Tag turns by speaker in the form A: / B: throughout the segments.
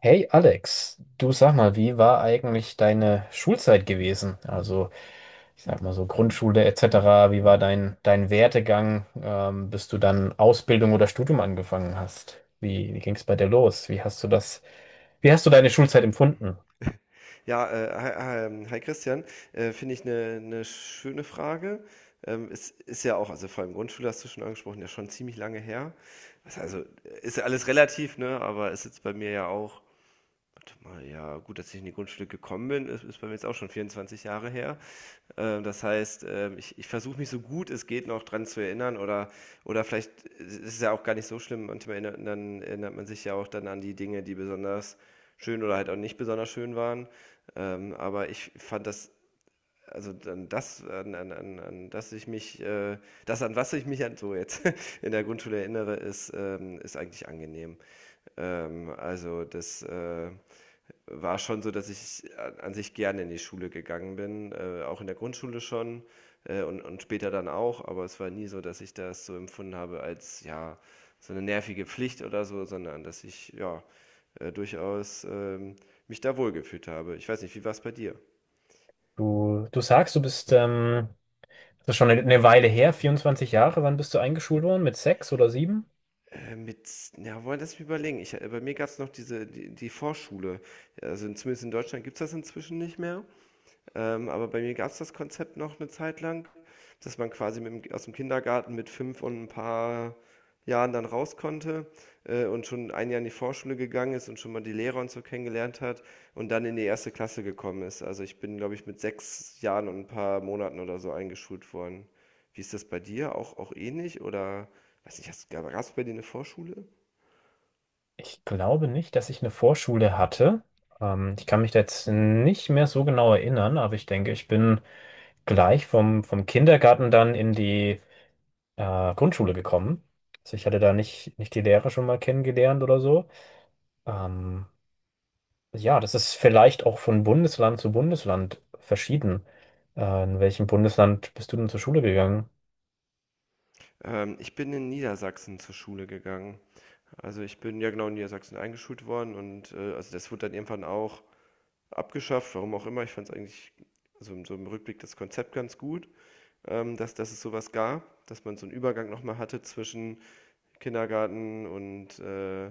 A: Hey Alex, du sag mal, wie war eigentlich deine Schulzeit gewesen? Also, ich sag mal so Grundschule etc. Wie war dein Werdegang, bis du dann Ausbildung oder Studium angefangen hast? Wie ging es bei dir los? Wie hast du das, wie hast du deine Schulzeit empfunden?
B: Ja, hi, hi Christian, finde ich eine schöne Frage. Es ist ja auch, also vor allem Grundschule hast du schon angesprochen, ja schon ziemlich lange her. Ist ja alles relativ, ne? Aber ist jetzt bei mir ja auch. Zumal ja, gut, dass ich in die Grundschule gekommen bin, ist bei mir jetzt auch schon 24 Jahre her. Das heißt, ich, ich, versuche mich so gut es geht noch dran zu erinnern, oder vielleicht ist es ja auch gar nicht so schlimm. Manchmal erinnert man sich ja auch dann an die Dinge, die besonders schön oder halt auch nicht besonders schön waren. Aber ich fand das, also dann das, an, an, an, an das ich mich, das an was ich mich an, so jetzt in der Grundschule erinnere, ist eigentlich angenehm. Ähm, also das, äh, war schon so, dass ich an sich gerne in die Schule gegangen bin, auch in der Grundschule schon, und später dann auch, aber es war nie so, dass ich das so empfunden habe als, ja, so eine nervige Pflicht oder so, sondern dass ich, ja, durchaus mich da wohlgefühlt habe. Ich weiß nicht, wie war es bei dir?
A: Du sagst, du bist, das ist schon eine Weile her, 24 Jahre. Wann bist du eingeschult worden? Mit sechs oder sieben?
B: Äh, mit, ja, wollen das überlegen. Bei mir gab es noch die Vorschule. Zumindest in Deutschland gibt es das inzwischen nicht mehr. Aber bei mir gab es das Konzept noch eine Zeit lang, dass man quasi aus dem Kindergarten mit fünf und ein paar Jahren dann raus konnte, und schon ein Jahr in die Vorschule gegangen ist und schon mal die Lehrer und so kennengelernt hat und dann in die erste Klasse gekommen ist. Also ich bin, glaube ich, mit sechs Jahren und ein paar Monaten oder so eingeschult worden. Wie ist das bei dir? Auch ähnlich? Oder weiß nicht, gab es bei dir eine Vorschule?
A: Ich glaube nicht, dass ich eine Vorschule hatte. Ich kann mich da jetzt nicht mehr so genau erinnern, aber ich denke, ich bin gleich vom Kindergarten dann in die Grundschule gekommen. Also ich hatte da nicht die Lehrer schon mal kennengelernt oder so. Ähm, ja, das ist vielleicht auch von Bundesland zu Bundesland verschieden. In welchem Bundesland bist du denn zur Schule gegangen?
B: Ich bin in Niedersachsen zur Schule gegangen. Also ich bin ja genau in Niedersachsen eingeschult worden und also das wurde dann irgendwann auch abgeschafft, warum auch immer. Ich fand es eigentlich, also in so im Rückblick, das Konzept ganz gut, dass es sowas gab, dass man so einen Übergang nochmal hatte zwischen Kindergarten und, äh,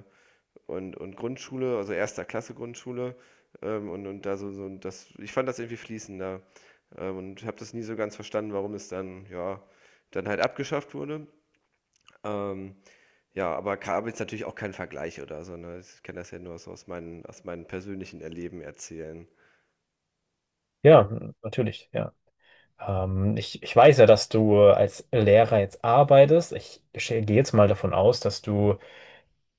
B: und, und Grundschule, also erster Klasse Grundschule. Und da so, so das, Ich fand das irgendwie fließender, und habe das nie so ganz verstanden, warum es dann, ja, dann halt abgeschafft wurde. Ähm, aber habe jetzt natürlich auch kein Vergleich oder so. Ne? Ich kann das ja nur so aus meinen persönlichen Erleben erzählen.
A: Ja, natürlich, ja. Ich, ich weiß ja, dass du als Lehrer jetzt arbeitest. Gehe jetzt mal davon aus, dass du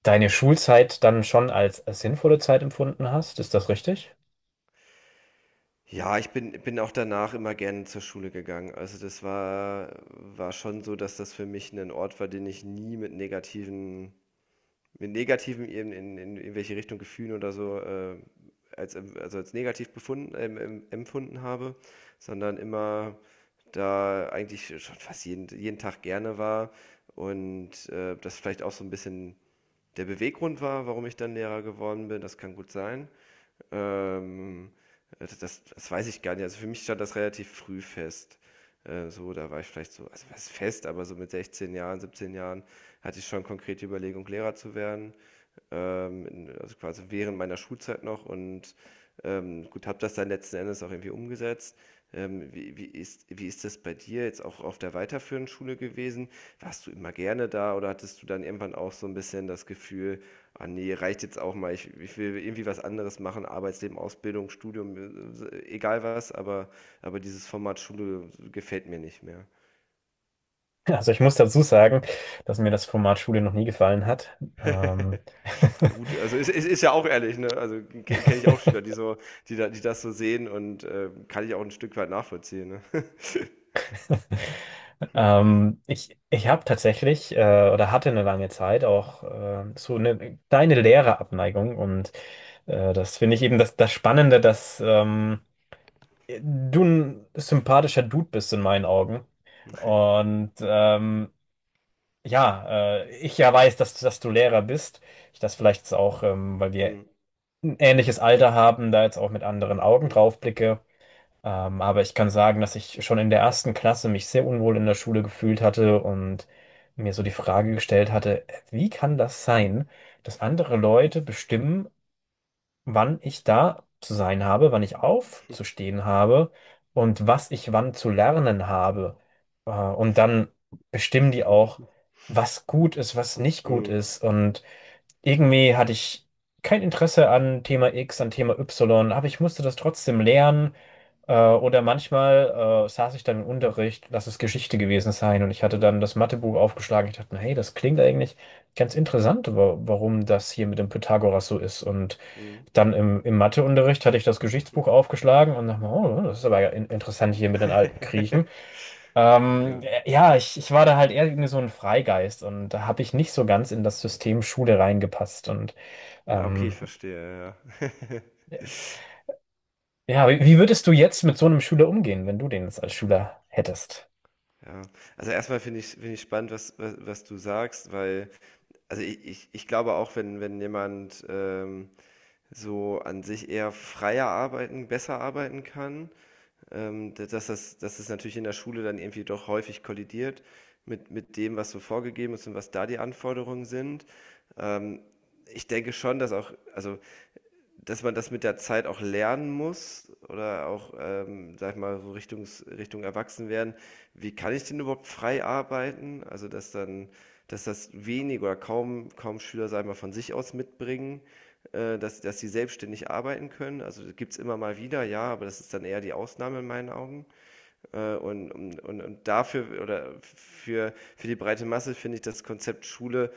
A: deine Schulzeit dann schon als sinnvolle Zeit empfunden hast. Ist das richtig?
B: Ja, ich bin auch danach immer gerne zur Schule gegangen. Also, das war schon so, dass das für mich ein Ort war, den ich nie mit negativen in irgendwelche Richtung Gefühlen oder so, als negativ befunden em empfunden habe, sondern immer da eigentlich schon fast jeden Tag gerne war und, das vielleicht auch so ein bisschen der Beweggrund war, warum ich dann Lehrer geworden bin, das kann gut sein. Ähm, das weiß ich gar nicht. Also, für mich stand das relativ früh fest. So, da war ich vielleicht so also, was fest, aber so mit 16 Jahren, 17 Jahren hatte ich schon konkrete Überlegung, Lehrer zu werden, also quasi während meiner Schulzeit noch und gut, habe das dann letzten Endes auch irgendwie umgesetzt. Wie ist das bei dir jetzt auch auf der weiterführenden Schule gewesen? Warst du immer gerne da oder hattest du dann irgendwann auch so ein bisschen das Gefühl, ah nee, reicht jetzt auch mal, ich will irgendwie was anderes machen, Arbeitsleben, Ausbildung, Studium, egal was, aber dieses Format Schule gefällt mir nicht mehr.
A: Also ich muss dazu sagen, dass mir das Format Schule noch nie gefallen hat.
B: Ja gut, also ist ja auch ehrlich, ne? Kenne ich auch Schüler, die das so sehen und kann ich auch ein Stück weit nachvollziehen, ne?
A: Ich ich habe tatsächlich oder hatte eine lange Zeit auch so eine kleine Lehrerabneigung und das finde ich eben das Spannende, dass du ein sympathischer Dude bist in meinen Augen. Und ja, ich ja weiß, dass du Lehrer bist. Ich das vielleicht jetzt auch, weil wir
B: Mhm.
A: ein ähnliches Alter haben, da jetzt auch mit anderen Augen
B: Mhm.
A: drauf blicke. Aber ich kann sagen, dass ich schon in der ersten Klasse mich sehr unwohl in der Schule gefühlt hatte und mir so die Frage gestellt hatte, wie kann das sein, dass andere Leute bestimmen, wann ich da zu sein habe, wann ich aufzustehen habe und was ich wann zu lernen habe. Und dann bestimmen die auch, was gut ist, was nicht gut
B: Mhm.
A: ist. Und irgendwie hatte ich kein Interesse an Thema X, an Thema Y, aber ich musste das trotzdem lernen. Oder manchmal saß ich dann im Unterricht, lass es Geschichte gewesen sein, und ich hatte
B: Mhm.
A: dann das Mathebuch aufgeschlagen. Ich dachte, hey, das klingt eigentlich ganz interessant, warum das hier mit dem Pythagoras so ist. Und
B: Mhm.
A: dann im Matheunterricht hatte ich das Geschichtsbuch aufgeschlagen und dachte mir, oh, das ist aber ja interessant hier mit den alten Griechen.
B: Ja.
A: Ja, ich war da halt eher irgendwie so ein Freigeist und da habe ich nicht so ganz in das System Schule reingepasst. Und
B: Ah, okay,
A: ähm,
B: ich verstehe, ja.
A: ja, wie würdest du jetzt mit so einem Schüler umgehen, wenn du den jetzt als Schüler hättest?
B: Ja. Also erstmal finde ich spannend, was du sagst, weil, ich glaube auch, wenn jemand so an sich eher freier arbeiten, besser arbeiten kann, dass es natürlich in der Schule dann irgendwie doch häufig kollidiert mit dem, was so vorgegeben ist und was da die Anforderungen sind. Ähm, Ich denke schon, dass auch, also dass man das mit der Zeit auch lernen muss oder auch, sage ich mal, so Richtung Erwachsenwerden. Wie kann ich denn überhaupt frei arbeiten? Also, dass dann dass das wenig oder kaum Schüler, sage ich mal, von sich aus mitbringen, dass sie selbstständig arbeiten können. Also, gibt's immer mal wieder, ja, aber das ist dann eher die Ausnahme in meinen Augen. Und dafür oder für die breite Masse finde ich das Konzept Schule,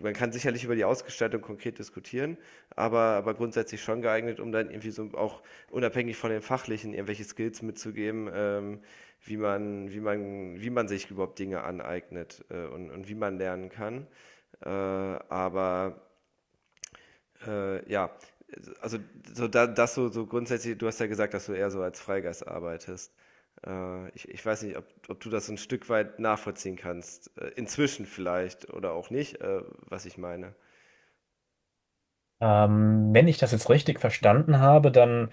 B: man kann sicherlich über die Ausgestaltung konkret diskutieren, aber grundsätzlich schon geeignet, um dann irgendwie so auch unabhängig von den fachlichen irgendwelche Skills mitzugeben, wie man sich überhaupt Dinge aneignet und und wie man lernen kann. Aber ja, also so da, das so, so grundsätzlich, du hast ja gesagt, dass du eher so als Freigeist arbeitest. Ich weiß nicht, ob du das so ein Stück weit nachvollziehen kannst. Inzwischen vielleicht oder auch nicht, was ich meine.
A: Wenn ich das jetzt richtig verstanden habe, dann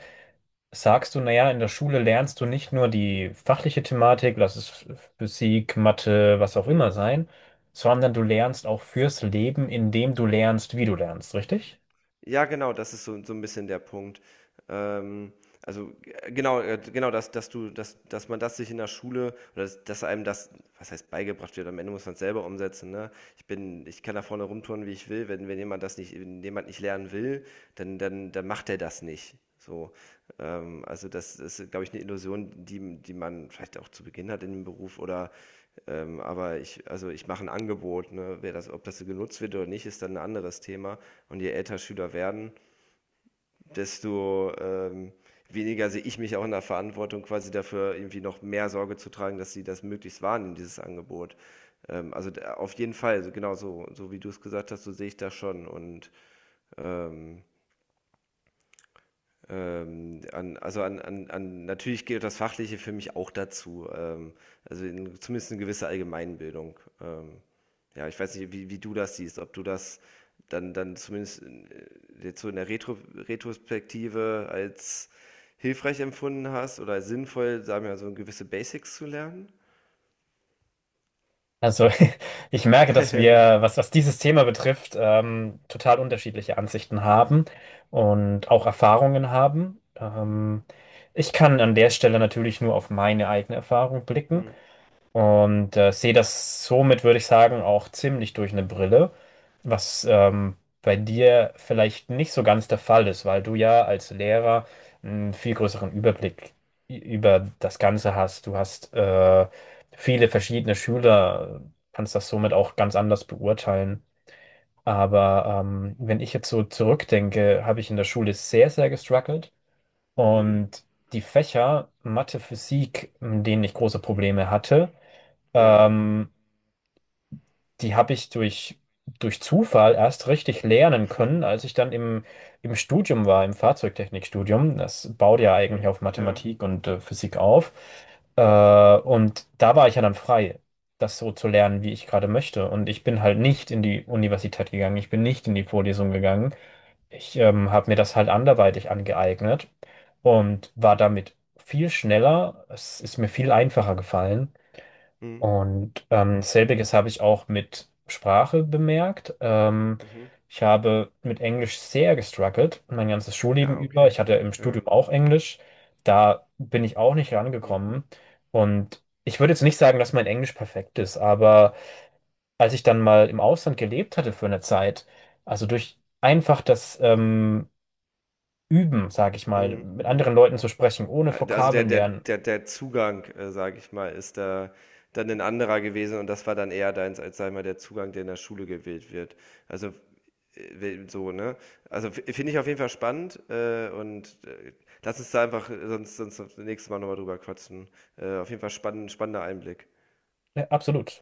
A: sagst du, naja, in der Schule lernst du nicht nur die fachliche Thematik, lass es Physik, Mathe, was auch immer sein, sondern du lernst auch fürs Leben, indem du lernst, wie du lernst, richtig?
B: Ja, genau, das ist so ein bisschen der Punkt. Ähm, also, g genau, genau, dass dass du dass dass man das sich in der Schule oder dass einem das, was heißt, beigebracht wird, am Ende muss man es selber umsetzen, ne? Ich kann da vorne rumtouren, wie ich will, wenn jemand nicht lernen will, dann macht er das nicht, so. Also, das ist, glaube ich, eine Illusion, die man vielleicht auch zu Beginn hat in dem Beruf oder also ich mache ein Angebot, ne? Ob das so genutzt wird oder nicht, ist dann ein anderes Thema. Und je älter Schüler werden, desto weniger sehe ich mich auch in der Verantwortung, quasi dafür irgendwie noch mehr Sorge zu tragen, dass sie das möglichst wahrnehmen, dieses Angebot. Auf jeden Fall, also genau so, so wie du es gesagt hast, so sehe ich das schon. Und ähm, an, also an, an, an, natürlich gehört das Fachliche für mich auch dazu. Zumindest eine gewisse Allgemeinbildung. Ja, ich weiß nicht, wie du das siehst, ob du das dann zumindest jetzt so in der Retrospektive als hilfreich empfunden hast oder als sinnvoll, sagen wir mal, so gewisse Basics zu lernen.
A: Also ich merke, dass wir, was dieses Thema betrifft, total unterschiedliche Ansichten haben und auch Erfahrungen haben. Ich kann an der Stelle natürlich nur auf meine eigene Erfahrung blicken.
B: Hm,
A: Und sehe das somit, würde ich sagen, auch ziemlich durch eine Brille, was bei dir vielleicht nicht so ganz der Fall ist, weil du ja als Lehrer einen viel größeren Überblick über das Ganze hast. Du hast viele verschiedene Schüler, kannst das somit auch ganz anders beurteilen. Aber wenn ich jetzt so zurückdenke, habe ich in der Schule sehr, sehr gestruggelt
B: hm,
A: und die Fächer Mathe, Physik, in denen ich große Probleme hatte,
B: ja,
A: ähm, die habe ich durch Zufall erst richtig lernen können, als ich dann im Studium war, im Fahrzeugtechnikstudium. Das baut
B: ah,
A: ja eigentlich
B: okay,
A: auf
B: ja,
A: Mathematik und Physik auf. Äh,
B: hm,
A: und da war ich ja dann frei, das so zu lernen, wie ich gerade möchte. Und ich bin halt nicht in die Universität gegangen, ich bin nicht in die Vorlesung gegangen. Ich habe mir das halt anderweitig angeeignet und war damit viel schneller. Es ist mir viel einfacher gefallen.
B: hm,
A: Und selbiges habe ich auch mit Sprache bemerkt.
B: mhm.
A: Ich habe mit Englisch sehr gestruggelt, mein ganzes Schulleben
B: Ja,
A: über.
B: okay,
A: Ich hatte im
B: ja,
A: Studium auch Englisch. Da bin ich auch nicht
B: hm,
A: rangekommen. Und ich würde jetzt nicht sagen, dass mein Englisch perfekt ist, aber als ich dann mal im Ausland gelebt hatte für eine Zeit, also durch einfach das Üben, sage ich mal,
B: hm,
A: mit
B: hm.
A: anderen Leuten zu sprechen, ohne
B: Also
A: Vokabeln lernen,
B: der Zugang, sage ich mal, ist da dann ein anderer gewesen und das war dann eher deins, als sei mal der Zugang, der in der Schule gewählt wird. Also äh, we- so, ne? Finde ich auf jeden Fall spannend, und lass uns da einfach, sonst das nächste Mal nochmal drüber quatschen. Auf jeden Fall spannend, spannender Einblick.
A: ja, absolut.